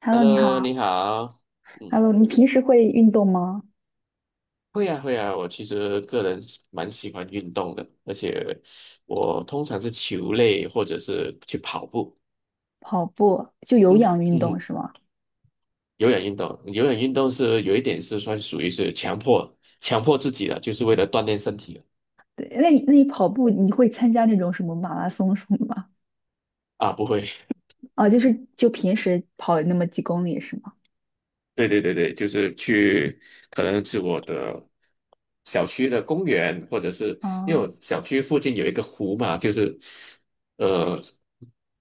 Hello，你好。Hello，你好。嗯，Hello，你平时会运动吗？会啊会啊，我其实个人是蛮喜欢运动的，而且我通常是球类或者是去跑步。跑步就有氧运嗯动哼，是吗？有氧运动，有氧运动是有一点是算属于是强迫强迫自己的，就是为了锻炼身体的。对，那你跑步你会参加那种什么马拉松什么的吗？啊，不会。啊，就平时跑那么几公里是吗？对对对对，就是去，可能是我的小区的公园，或者是因为啊我小区附近有一个湖嘛，就是，呃，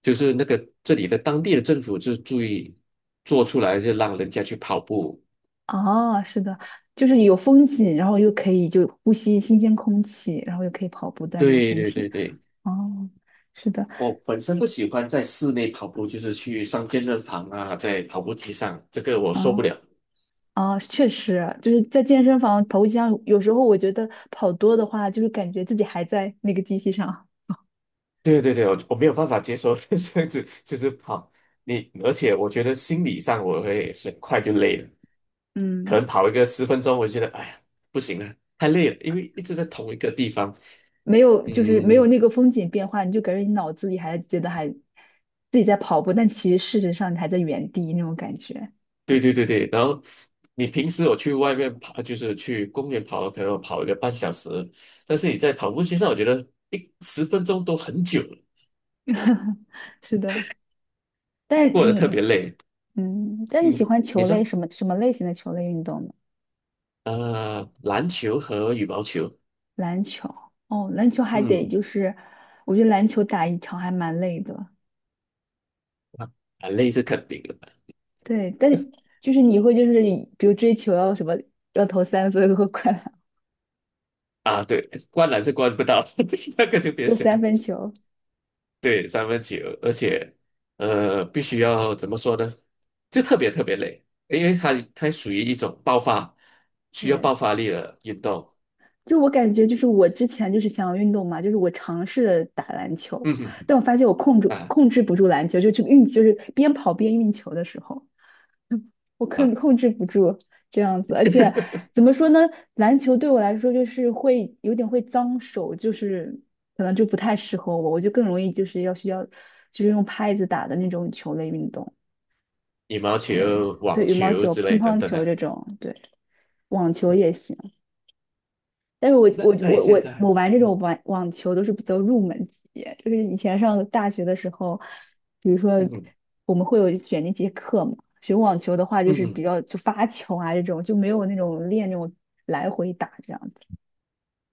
就是那个这里的当地的政府就注意做出来，就让人家去跑步。啊，是的，就是有风景，然后又可以就呼吸新鲜空气，然后又可以跑步锻炼对身对对体。对，哦，是的，我本身不喜欢在室内跑步，就是去上健身房啊，在跑步机上，这个我受不嗯。了。啊，确实，就是在健身房跑步机上有时候我觉得跑多的话，就是感觉自己还在那个机器上。对对对，我没有办法接受 这样子，就是跑你，而且我觉得心理上我会很快就累了，可能嗯。跑一个十分钟，我就觉得哎呀不行了，太累了，因为一直在同一个地方。没有，就是没有嗯，那个风景变化，你就感觉你脑子里还觉得还自己在跑步，但其实事实上你还在原地那种感觉。对对对对，然后你平时我去外面跑，就是去公园跑，可能我跑一个半小时，但是你在跑步机上，我觉得10分钟都很久了，是的，但是过得特别你，累。嗯，但你喜嗯，欢你球类说，什么什么类型的球类运动呢？篮球和羽毛球。篮球，哦，篮球还得嗯。就是，我觉得篮球打一场还蛮累的。啊，累是肯定的。对，但是就是你会就是比如追求要什么要投三分和快，啊，对，灌篮是灌不到，那个就别就想。三分球。对，三分球，而且必须要怎么说呢？就特别特别累，因为它属于一种爆发，需要爆对。发力的运动。就我感觉，就是我之前就是想要运动嘛，就是我尝试了打篮球，嗯哼，但我发现我控制啊控制不住篮球，就是边跑边运球的时候，嗯我控啊，控制不住这样子，而且怎么说呢，篮球对我来说就是会有点会脏手，就是可能就不太适合我，我就更容易就是要需要就是用拍子打的那种球类运动，羽毛对，球、对，网羽毛球球、之乒类等乓等球的。这种，对，网球也行。但是我那我那你我现我我在，玩这种网球都是比较入门级，就是以前上大学的时候，比如嗯说哼我们会有选那节课嘛，学网球的话就嗯是比哼，较就发球啊这种，就没有那种练那种来回打这样子。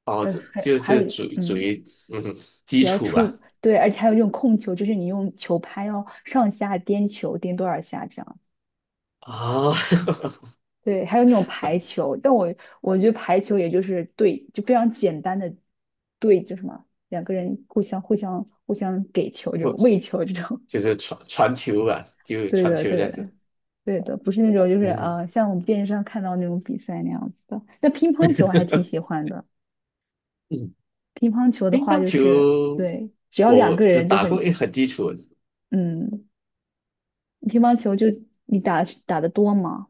哦，就还就还是有属于属于嗯哼，基比较础吧。出，对，而且还有这种控球，就是你用球拍要上下颠球，颠多少下这样。啊、哦，对，还有那种排球，但我觉得排球也就是对，就非常简单的对，就什么两个人互相给球这不，种喂球这种，就是传传球吧，就对传的球对这样的子。对的，不是那种就是嗯呃像我们电视上看到那种比赛那样子的。那乒乓球我还挺喜欢的，嗯，乒乓球的乒话乓就是球对，只要两我个只人就打过很一很基础的。嗯，乒乓球就你打得多吗？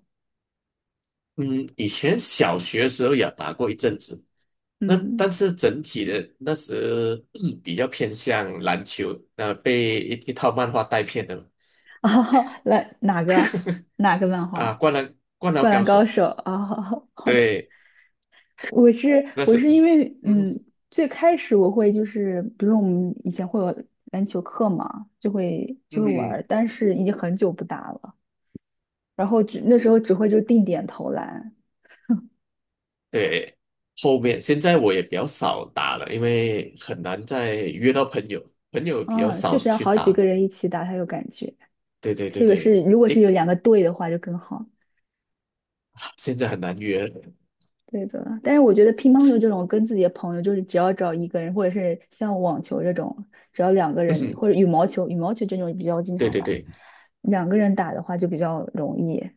嗯，以前小学的时候也打过一阵子，那嗯，但是整体的那时、比较偏向篮球，那、被一套漫画带偏的嘛。 啊，来哪个漫啊，画？灌篮灌高篮高手。手啊，好好的，对，我是那我是，是因为嗯嗯，最开始我会就是，比如我们以前会有篮球课嘛，就会就嗯会玩儿，嗯，但是已经很久不打了，然后只那时候只会就定点投篮，对，后面现在我也比较少打了，因为很难再约到朋友，朋友比较啊，确少实要去好几个打。人一起打才有感觉，对对对特别对。是如果一是有个。两个队的话就更好。现在很难约。对的，但是我觉得乒乓球这种跟自己的朋友，就是只要找一个人，或者是像网球这种，只要两个嗯人，哼，或者羽毛球，羽毛球这种比较经对常对玩，对两个人打的话就比较容易。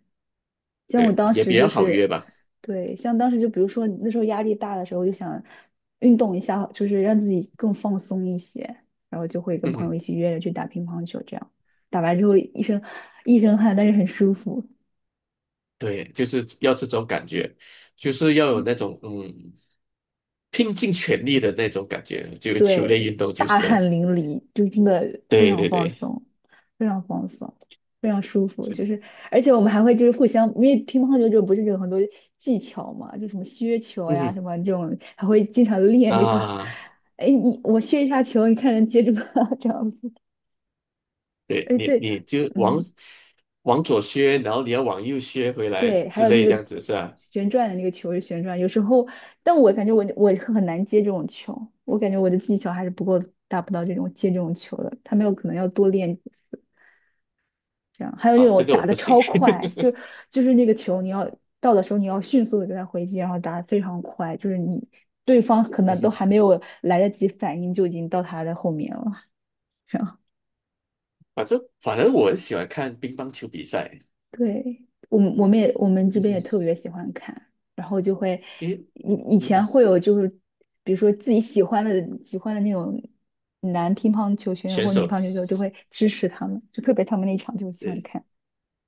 像我对，当也时比就较好约是，吧。对，像当时就比如说那时候压力大的时候，就想运动一下，就是让自己更放松一些，然后就会跟嗯朋友哼，一起约着去打乒乓球，这样打完之后一身汗，但是很舒服。对，就是要这种感觉，就是要有那种拼尽全力的那种感觉，就球类对，运动就大行。汗淋漓，就真的非对常对放对，松，非常放松，非常舒服。就是，而且我们还会就是互相，因为乒乓球这种不是有很多技巧嘛，就什么削球嗯呀，哼，什么这种，还会经常练这个。啊，哎，你我削一下球，你看能接住吗？这样子。对，哎，你对，你就往嗯，往左削，然后你要往右削回来对，还之有那类这个样子是吧？旋转的那个球是旋转，有时候，但我感觉我很难接这种球，我感觉我的技巧还是不够达不到这种接这种球的，他们有可能要多练这样还有那啊，这种个我打的不行。超快，就 就是那个球你要到的时候你要迅速的给他回击，然后打的非常快，就是你对方可嗯能都还没哼，有来得及反应就已经到他的后面了。这样，反正我很喜欢看乒乓球比赛。对，我们这嗯边也特哼，别喜欢看，然后就会因为，以以嗯哼，前会有就是比如说自己喜欢的那种男乒乓球选手选或女手乒乓球选手就会支持他们，就特别他们那一场就喜欢对。看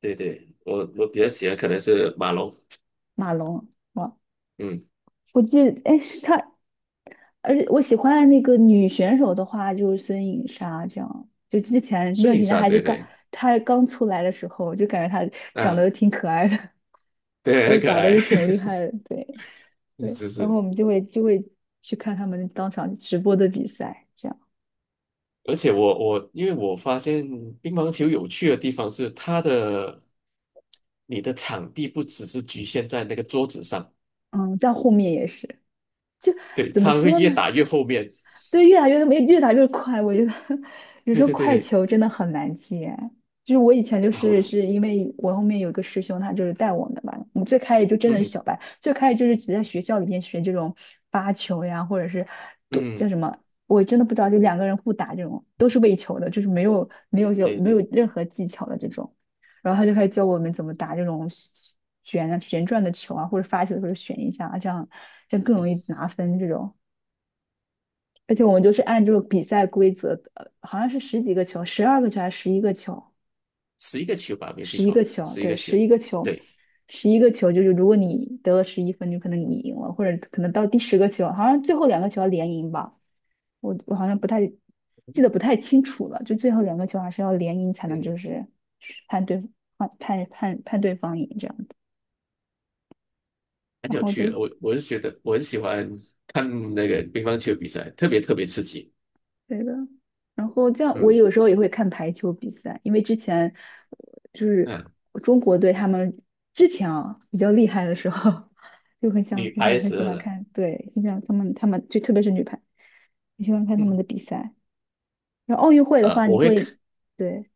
对对，我比较喜欢可能是马龙。马龙。哇，嗯，我记得，哎，是他，而且我喜欢的那个女选手的话，就是孙颖莎这样。就之前那孙段时颖间莎，还是对刚对。她刚出来的时候，就感觉她长啊，得挺可爱的，对，很就可打的爱。也挺厉害 的。对对，是然后是，我们就会去看他们当场直播的比赛，这样。而且我因为我发现乒乓球有趣的地方是它的，你的场地不只是局限在那个桌子上，嗯，到后面也是，就对，怎么它会说呢？越打越后面。对，越打越没越打越快，我觉得 有时对候对对快对，球真的很难接。就是我以前就是啊，是因为我后面有一个师兄，他就是带我们吧，我们最开始就真的是嗯小白，最开始就是只在学校里面学这种发球呀，或者是对叫嗯，什么，我真的不知道，就两个人互打这种都是喂球的，就是没有没有就对没有对，任何技巧的这种。然后他就开始教我们怎么打这种旋啊旋转的球啊，或者发球的时候旋一下啊，这样更嗯，容易拿分这种。而且我们就是按这个比赛规则，好像是十几个球，12个球还是十一个球？十一个球吧，没有记十一个错，球，十一对，个球，十一个球，对。十一个球就是如果你得了11分，就可能你赢了，或者可能到第10个球，好像最后两个球要连赢吧，我好像不太记得不太清楚了，就最后两个球还是要连赢才能就对，是判对判对方赢这样子，很然有后趣就的。我是觉得我很喜欢看那个乒乓球比赛，特别特别刺激。对的，然后这样我嗯有时候也会看排球比赛，因为之前就是嗯，中国队他们之前啊比较厉害的时候，就很想女很排想的很时喜候欢呢。看，对，很想他们就特别是女排，很喜欢看他们嗯的比赛。然后奥运会的话，我会看。对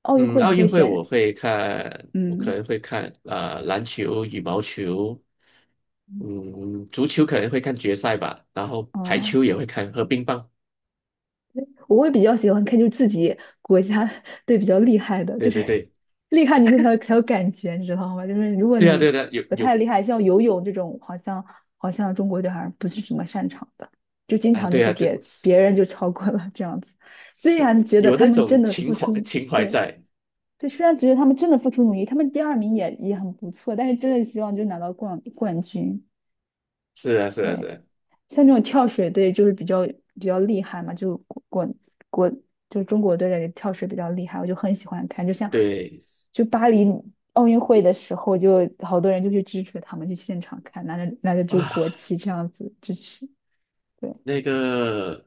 奥运嗯，会你奥会运会选我会看，我可嗯能会看篮球、羽毛球，嗯嗯，足球可能会看决赛吧，然后排哦。球也会看和乒乓。我会比较喜欢看，就自己国家队比较厉害的，就对对是对，厉害你就才有感觉，你知道吗？就是如果对啊对你啊，有不有，太厉害，像游泳这种，好像中国队好像不是什么擅长的，就经啊常就对是啊，这别人就超过了这样子。虽是然觉得有他那们真种的情付怀出，情怀对，在，就虽然觉得他们真的付出努力，他们第二名也很不错，但是真的希望就拿到冠军，是啊是啊是对。啊，像这种跳水队就是比较厉害嘛，国就是中国队的跳水比较厉害，我就很喜欢看。就像对就巴黎奥运会的时候，就好多人就去支持他们，去现场看，拿着就啊。国旗这样子支持。对那个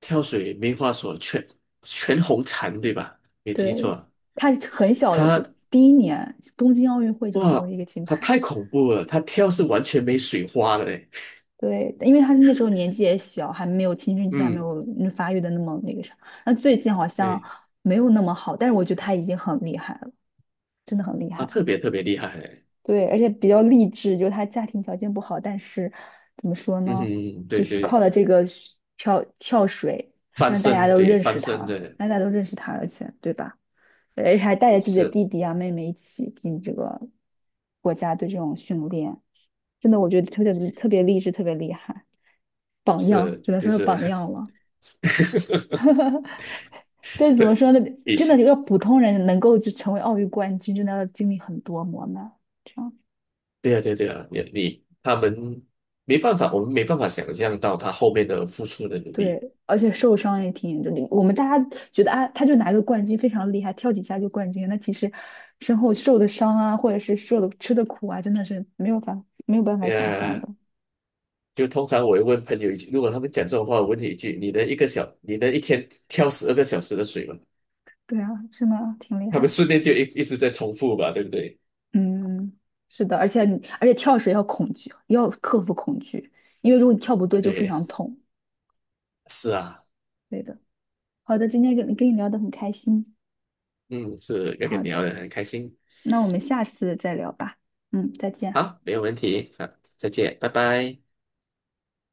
跳水没话说，全红婵对吧？没记对，错。他很小的他，就第一年东京奥运会就得了哇，一个金他牌。太恐怖了，他跳是完全没水花的嘞。对，因为他那时候年纪也小，还没有青春期，还没嗯，有发育的那么那个啥。那最近好像对没有那么好，但是我觉得他已经很厉害了。真的很厉啊，害特了。别特别厉害嘞。对，而且比较励志，就是他家庭条件不好，但是怎么说嗯呢，哼，就对是靠对，了这个是跳水，翻让大家身，都对认翻识身他，的，让大家都认识他，而且对吧？而且还带着自己的是弟弟啊、妹妹一起进这个国家队这种训练，真的我觉得特别特别励志，特别厉害，榜样，是，只能就说是是， 榜样了。但怎么对，说呢，以真前，的一个普通人能够就成为奥运冠军，真的要经历很多磨难。这样。对啊对啊对啊，他们没办法，我们没办法想象到他后面的付出的努力。对，而且受伤也挺严重的。我们大家觉得啊，他就拿个冠军非常厉害，跳几下就冠军。那其实身后受的伤啊，或者是受的吃的苦啊，真的是没有办法对想象呀，的。就通常我会问朋友一句，如果他们讲这种话，我问你一句：你能一个小，你能一天挑12个小时的水吗？对啊，真的挺厉他害们的。顺便就一直在重复吧，对不对？嗯，是的，而且跳水要恐惧，要克服恐惧，因为如果你跳不对 就非对，常痛。是啊。对的。好的，今天跟你聊得很开心。嗯，是要跟你好，聊的很开心。那我们下次再聊吧。嗯，再见。好，没有问题，好，再见，拜拜。